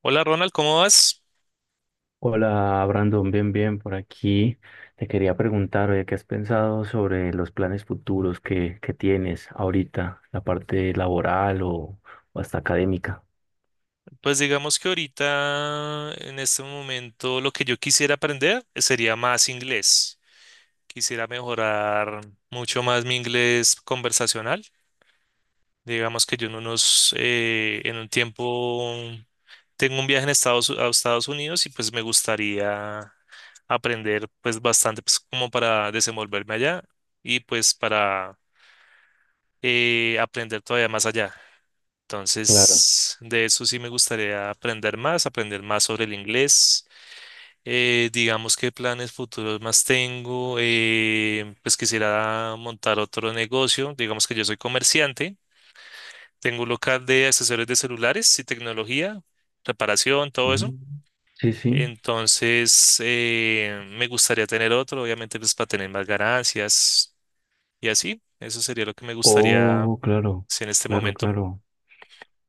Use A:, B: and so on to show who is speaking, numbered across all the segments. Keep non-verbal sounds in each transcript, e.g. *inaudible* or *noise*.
A: Hola Ronald, ¿cómo vas?
B: Hola Brandon, bien, bien, por aquí. Te quería preguntar, oye, ¿qué has pensado sobre los planes futuros que tienes ahorita, la parte laboral o hasta académica?
A: Pues digamos que ahorita, en este momento, lo que yo quisiera aprender sería más inglés. Quisiera mejorar mucho más mi inglés conversacional. Digamos que yo en un tiempo, tengo un viaje a Estados Unidos y pues me gustaría aprender pues bastante pues como para desenvolverme allá y pues para aprender todavía más allá.
B: Claro.
A: Entonces, de eso sí me gustaría aprender más sobre el inglés. Digamos qué planes futuros más tengo. Pues quisiera montar otro negocio. Digamos que yo soy comerciante. Tengo un local de accesorios de celulares y tecnología, reparación, todo eso.
B: Mm. Sí, sí.
A: Entonces, me gustaría tener otro, obviamente, pues para tener más ganancias y así. Eso sería lo que me gustaría,
B: Oh, claro,
A: si en este
B: claro,
A: momento.
B: claro.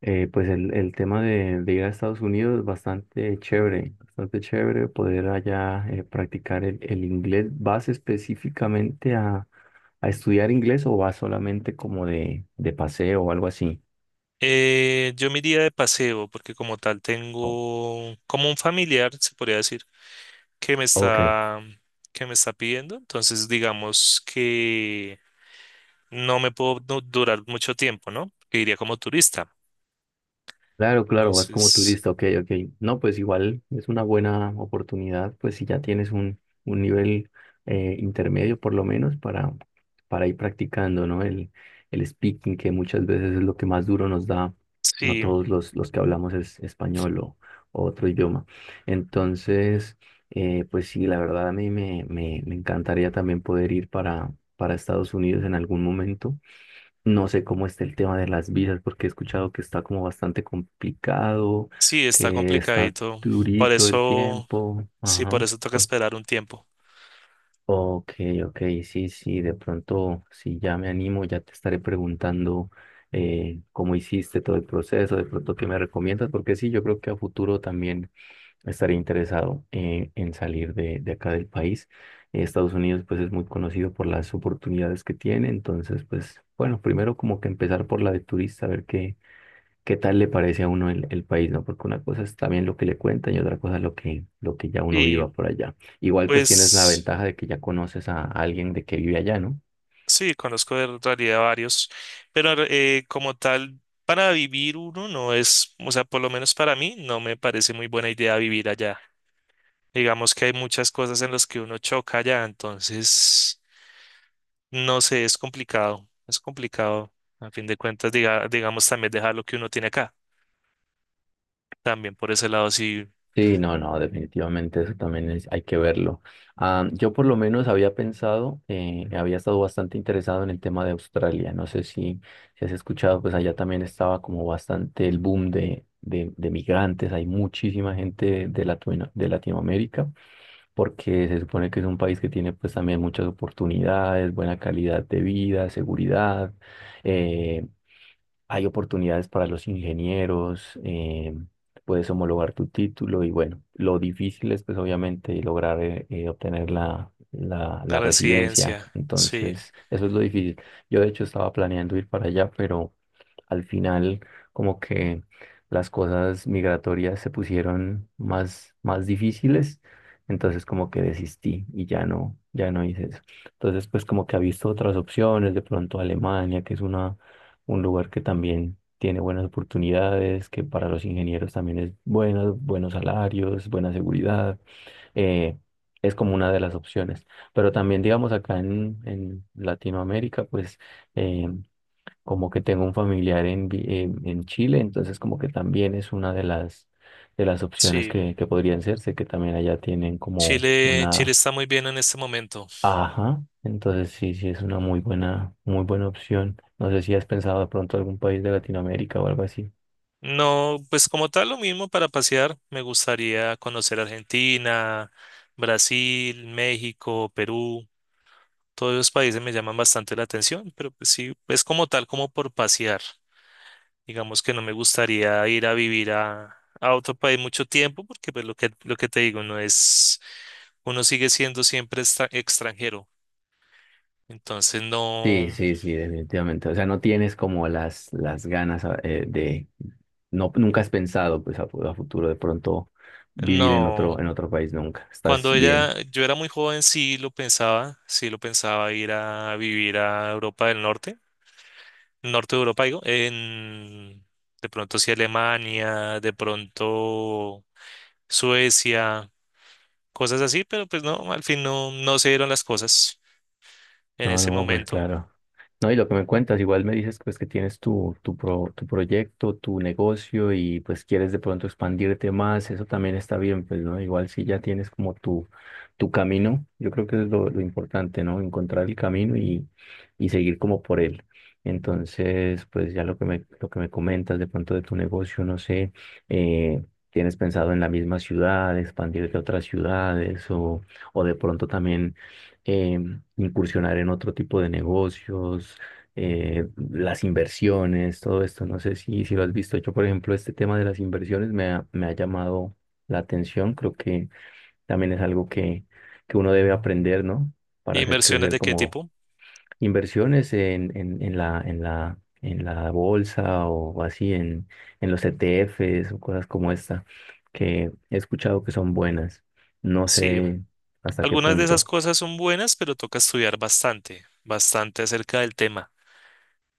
B: Pues el tema de ir a Estados Unidos es bastante chévere poder allá, practicar el inglés. ¿Vas específicamente a estudiar inglés o vas solamente como de paseo o algo así?
A: Yo me iría de paseo porque como tal
B: O-
A: tengo como un familiar, se podría decir, que me
B: ok.
A: está, que me está pidiendo. Entonces digamos que no me puedo no durar mucho tiempo, ¿no? Que iría como turista.
B: Claro, claro, vas como
A: Entonces,
B: turista, ok, ok. No, pues igual es una buena oportunidad, pues si ya tienes un nivel intermedio por lo menos para ir practicando, ¿no? El speaking, que muchas veces es lo que más duro nos da a
A: sí,
B: todos los que hablamos es español o otro idioma. Entonces, pues sí, la verdad a mí me encantaría también poder ir para Estados Unidos en algún momento. No sé cómo está el tema de las visas, porque he escuchado que está como bastante complicado,
A: sí, está
B: que está
A: complicadito. Por
B: durito el
A: eso,
B: tiempo.
A: sí, por
B: Ajá.
A: eso toca esperar un tiempo.
B: Ok, ok, sí, sí, de pronto, si ya me animo, ya te estaré preguntando, cómo hiciste todo el proceso, de pronto qué me recomiendas, porque sí, yo creo que a futuro también estaría interesado, en salir de acá del país. Estados Unidos pues es muy conocido por las oportunidades que tiene, entonces pues bueno, primero como que empezar por la de turista, a ver qué tal le parece a uno el país, ¿no? Porque una cosa es también lo que le cuentan y otra cosa lo que ya uno
A: Y
B: viva por allá. Igual pues tienes la
A: pues...
B: ventaja de que ya conoces a alguien de que vive allá, ¿no?
A: Sí, conozco en realidad varios, pero como tal, para vivir uno no es, o sea, por lo menos para mí no me parece muy buena idea vivir allá. Digamos que hay muchas cosas en las que uno choca allá, entonces, no sé, es complicado, es complicado. A fin de cuentas, digamos también dejar lo que uno tiene acá, también por ese lado, sí,
B: Sí, no, no, definitivamente eso también es, hay que verlo. Ah, yo por lo menos había pensado, había estado bastante interesado en el tema de Australia. No sé si has escuchado, pues allá también estaba como bastante el boom de migrantes. Hay muchísima gente de Latinoamérica porque se supone que es un país que tiene pues también muchas oportunidades, buena calidad de vida, seguridad. eh, Hay oportunidades para los ingenieros, puedes homologar tu título y bueno, lo difícil es pues obviamente lograr, obtener la, la,
A: la
B: la residencia.
A: residencia, sí,
B: Entonces, eso es lo difícil. Yo de hecho estaba planeando ir para allá, pero al final como que las cosas migratorias se pusieron más, más difíciles, entonces como que desistí y ya no hice eso. Entonces, pues como que ha visto otras opciones, de pronto Alemania, que es una un lugar que también tiene buenas oportunidades, que para los ingenieros también es bueno, buenos salarios, buena seguridad, eh, es como una de las opciones. Pero también, digamos, acá en Latinoamérica, pues, eh, como que tengo un familiar en Chile, entonces como que también es una de las opciones
A: sí.
B: que podrían serse, que también allá tienen como
A: Chile, Chile
B: una.
A: está muy bien en este momento.
B: Ajá, entonces sí, sí es una muy buena opción. No sé si has pensado de pronto algún país de Latinoamérica o algo así.
A: No, pues como tal lo mismo para pasear. Me gustaría conocer Argentina, Brasil, México, Perú. Todos esos países me llaman bastante la atención, pero pues sí, es como tal como por pasear. Digamos que no me gustaría ir a vivir a otro país mucho tiempo porque pues lo que te digo, no es, uno sigue siendo siempre extranjero. Entonces no,
B: Sí, sí, sí, definitivamente. O sea, no tienes como las ganas, no, nunca has pensado pues a futuro de pronto vivir en
A: no.
B: otro, en otro país nunca. Estás bien.
A: Yo era muy joven, sí lo pensaba ir a vivir a Europa del Norte, norte de Europa, digo, en, de pronto sí Alemania, de pronto Suecia, cosas así, pero pues no, al fin no, no se dieron las cosas en
B: No,
A: ese
B: no, pues
A: momento.
B: claro. No, y lo que me cuentas, igual me dices pues que tienes tu proyecto, tu negocio y pues quieres de pronto expandirte más, eso también está bien, pues, ¿no? Igual si ya tienes como tu camino, yo creo que es lo importante, ¿no? Encontrar el camino y seguir como por él. Entonces, pues ya lo que me comentas de pronto de tu negocio, no sé. eh, ¿Tienes pensado en la misma ciudad, expandirte a otras ciudades o de pronto también, incursionar en otro tipo de negocios, las inversiones, todo esto? No sé si lo has visto. Yo, por ejemplo, este tema de las inversiones me ha llamado la atención. Creo que también es algo que uno debe aprender, ¿no? Para hacer
A: ¿Inversiones
B: crecer
A: de qué
B: como
A: tipo?
B: inversiones en la bolsa o así, en los ETFs o cosas como esta, que he escuchado que son buenas. No
A: Sí.
B: sé hasta qué
A: Algunas de esas
B: punto.
A: cosas son buenas, pero toca estudiar bastante, bastante acerca del tema.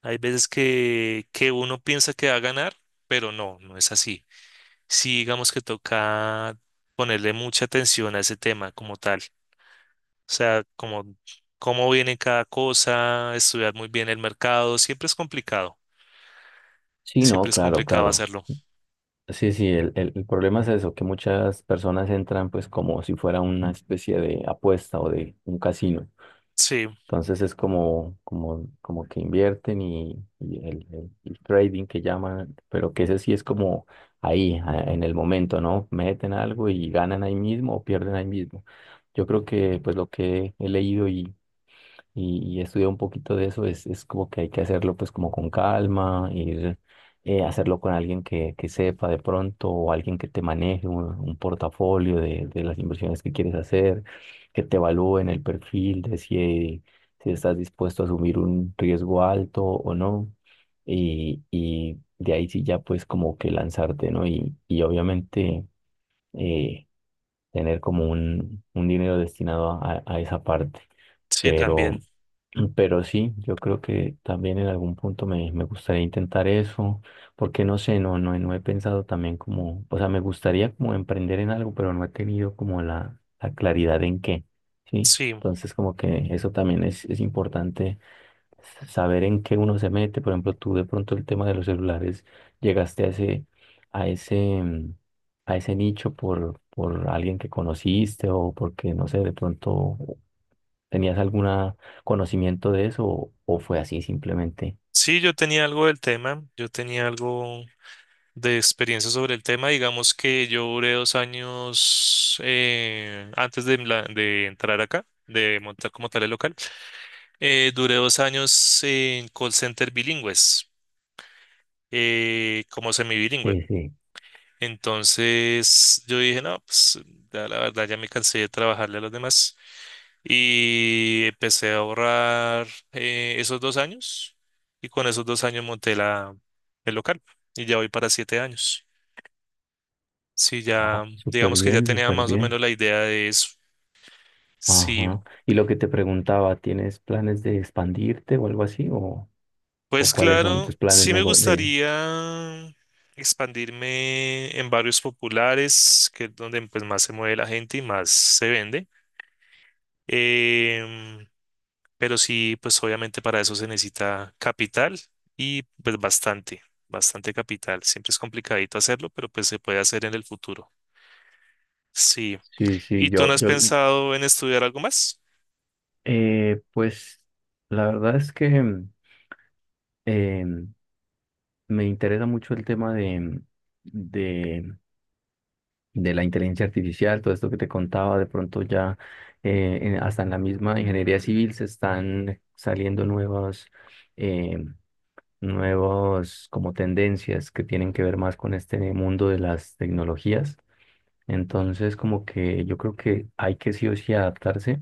A: Hay veces que uno piensa que va a ganar, pero no, no es así. Sí, digamos que toca ponerle mucha atención a ese tema como tal. O sea, como cómo viene cada cosa, estudiar muy bien el mercado,
B: Sí, no,
A: siempre es
B: claro,
A: complicado
B: claro.
A: hacerlo.
B: Sí, sí, el problema es eso, que muchas personas entran pues como si fuera una especie de apuesta o de un casino.
A: Sí,
B: Entonces es como que invierten y el trading que llaman, pero que ese sí es como ahí, en el momento, ¿no? Meten algo y ganan ahí mismo o pierden ahí mismo. Yo creo que pues lo que he leído y estudiar un poquito de eso es como que hay que hacerlo pues como con calma, ir, hacerlo con alguien que sepa de pronto o alguien que te maneje un portafolio de las inversiones que quieres hacer, que te evalúen el perfil de si estás dispuesto a asumir un riesgo alto o no. Y de ahí sí ya pues como que lanzarte, ¿no? Y obviamente, eh, tener como un dinero destinado a esa parte.
A: sí,
B: Pero,
A: también.
B: *clears throat* pero sí, yo creo que también en algún punto me gustaría intentar eso, porque no sé, no he pensado también, como, o sea, me gustaría como emprender en algo, pero no he tenido como la claridad en qué, ¿sí?
A: Sí,
B: Entonces como que eso también es importante saber en qué uno se mete. Por ejemplo, tú de pronto, el tema de los celulares, ¿llegaste a ese, mm, a ese nicho por alguien que conociste o porque, no sé, de pronto tenías algún conocimiento de eso, o fue así simplemente?
A: sí, yo tenía algo de experiencia sobre el tema. Digamos que yo duré 2 años antes de, de entrar acá, de montar como tal el local. Duré 2 años en call center bilingües, como semibilingüe.
B: Sí, sí.
A: Entonces yo dije, no, pues ya la verdad ya me cansé de trabajarle a los demás y empecé a ahorrar esos dos años y con esos 2 años monté el local y ya voy para 7 años. Sí,
B: Ah,
A: ya,
B: súper
A: digamos que ya
B: bien,
A: tenía
B: súper
A: más o
B: bien.
A: menos la idea de eso. Sí,
B: Ajá. Y lo que te preguntaba, ¿tienes planes de expandirte o algo así? ¿O
A: pues
B: cuáles son tus
A: claro,
B: planes
A: sí me
B: de?
A: gustaría expandirme en barrios populares, que es donde pues más se mueve la gente y más se vende. Em, pero sí, pues obviamente para eso se necesita capital y pues bastante, bastante capital. Siempre es complicadito hacerlo, pero pues se puede hacer en el futuro. Sí.
B: Sí, sí,
A: ¿Y tú
B: yo,
A: no has
B: yo,
A: pensado en estudiar algo más?
B: pues la verdad es que, me interesa mucho el tema de de la inteligencia artificial, todo esto que te contaba, de pronto ya, hasta en la misma ingeniería civil se están saliendo eh, nuevas como tendencias que tienen que ver más con este mundo de las tecnologías. Entonces, como que yo creo que hay que sí o sí adaptarse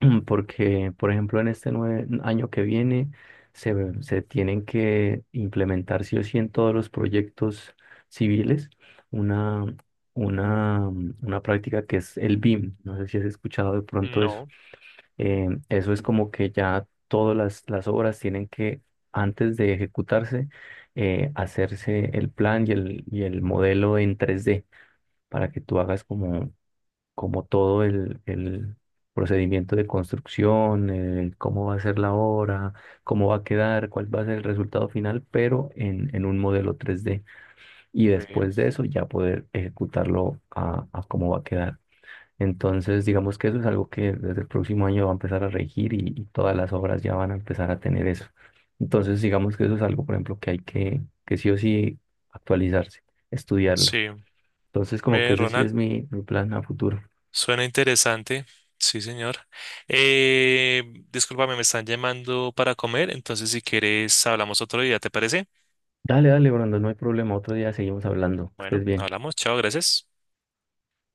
B: *clears throat* porque, por ejemplo, en este año que viene se tienen que implementar sí o sí en todos los proyectos civiles una, una práctica que es el BIM. No sé si has escuchado de pronto eso.
A: No,
B: Eso es como que ya todas las obras tienen que, antes de ejecutarse, hacerse el plan y el modelo en 3D para que tú hagas como todo el procedimiento de construcción, cómo va a ser la obra, cómo va a quedar, cuál va a ser el resultado final, pero en un modelo 3D. Y
A: ve,
B: después de eso ya poder ejecutarlo a cómo va a quedar. Entonces, digamos que eso es algo que desde el próximo año va a empezar a regir y todas las obras ya van a empezar a tener eso. Entonces, digamos que eso es algo, por ejemplo, que hay que sí o sí actualizarse, estudiarlo.
A: sí.
B: Entonces, como que
A: Ve,
B: ese sí
A: Ronald,
B: es mi plan a futuro.
A: suena interesante. Sí, señor. Eh, Discúlpame, me están llamando para comer, entonces si quieres hablamos otro día, ¿te parece?
B: Dale, dale, Brandon, no hay problema. Otro día seguimos hablando. Que estés
A: Bueno,
B: bien.
A: hablamos. Chao, gracias.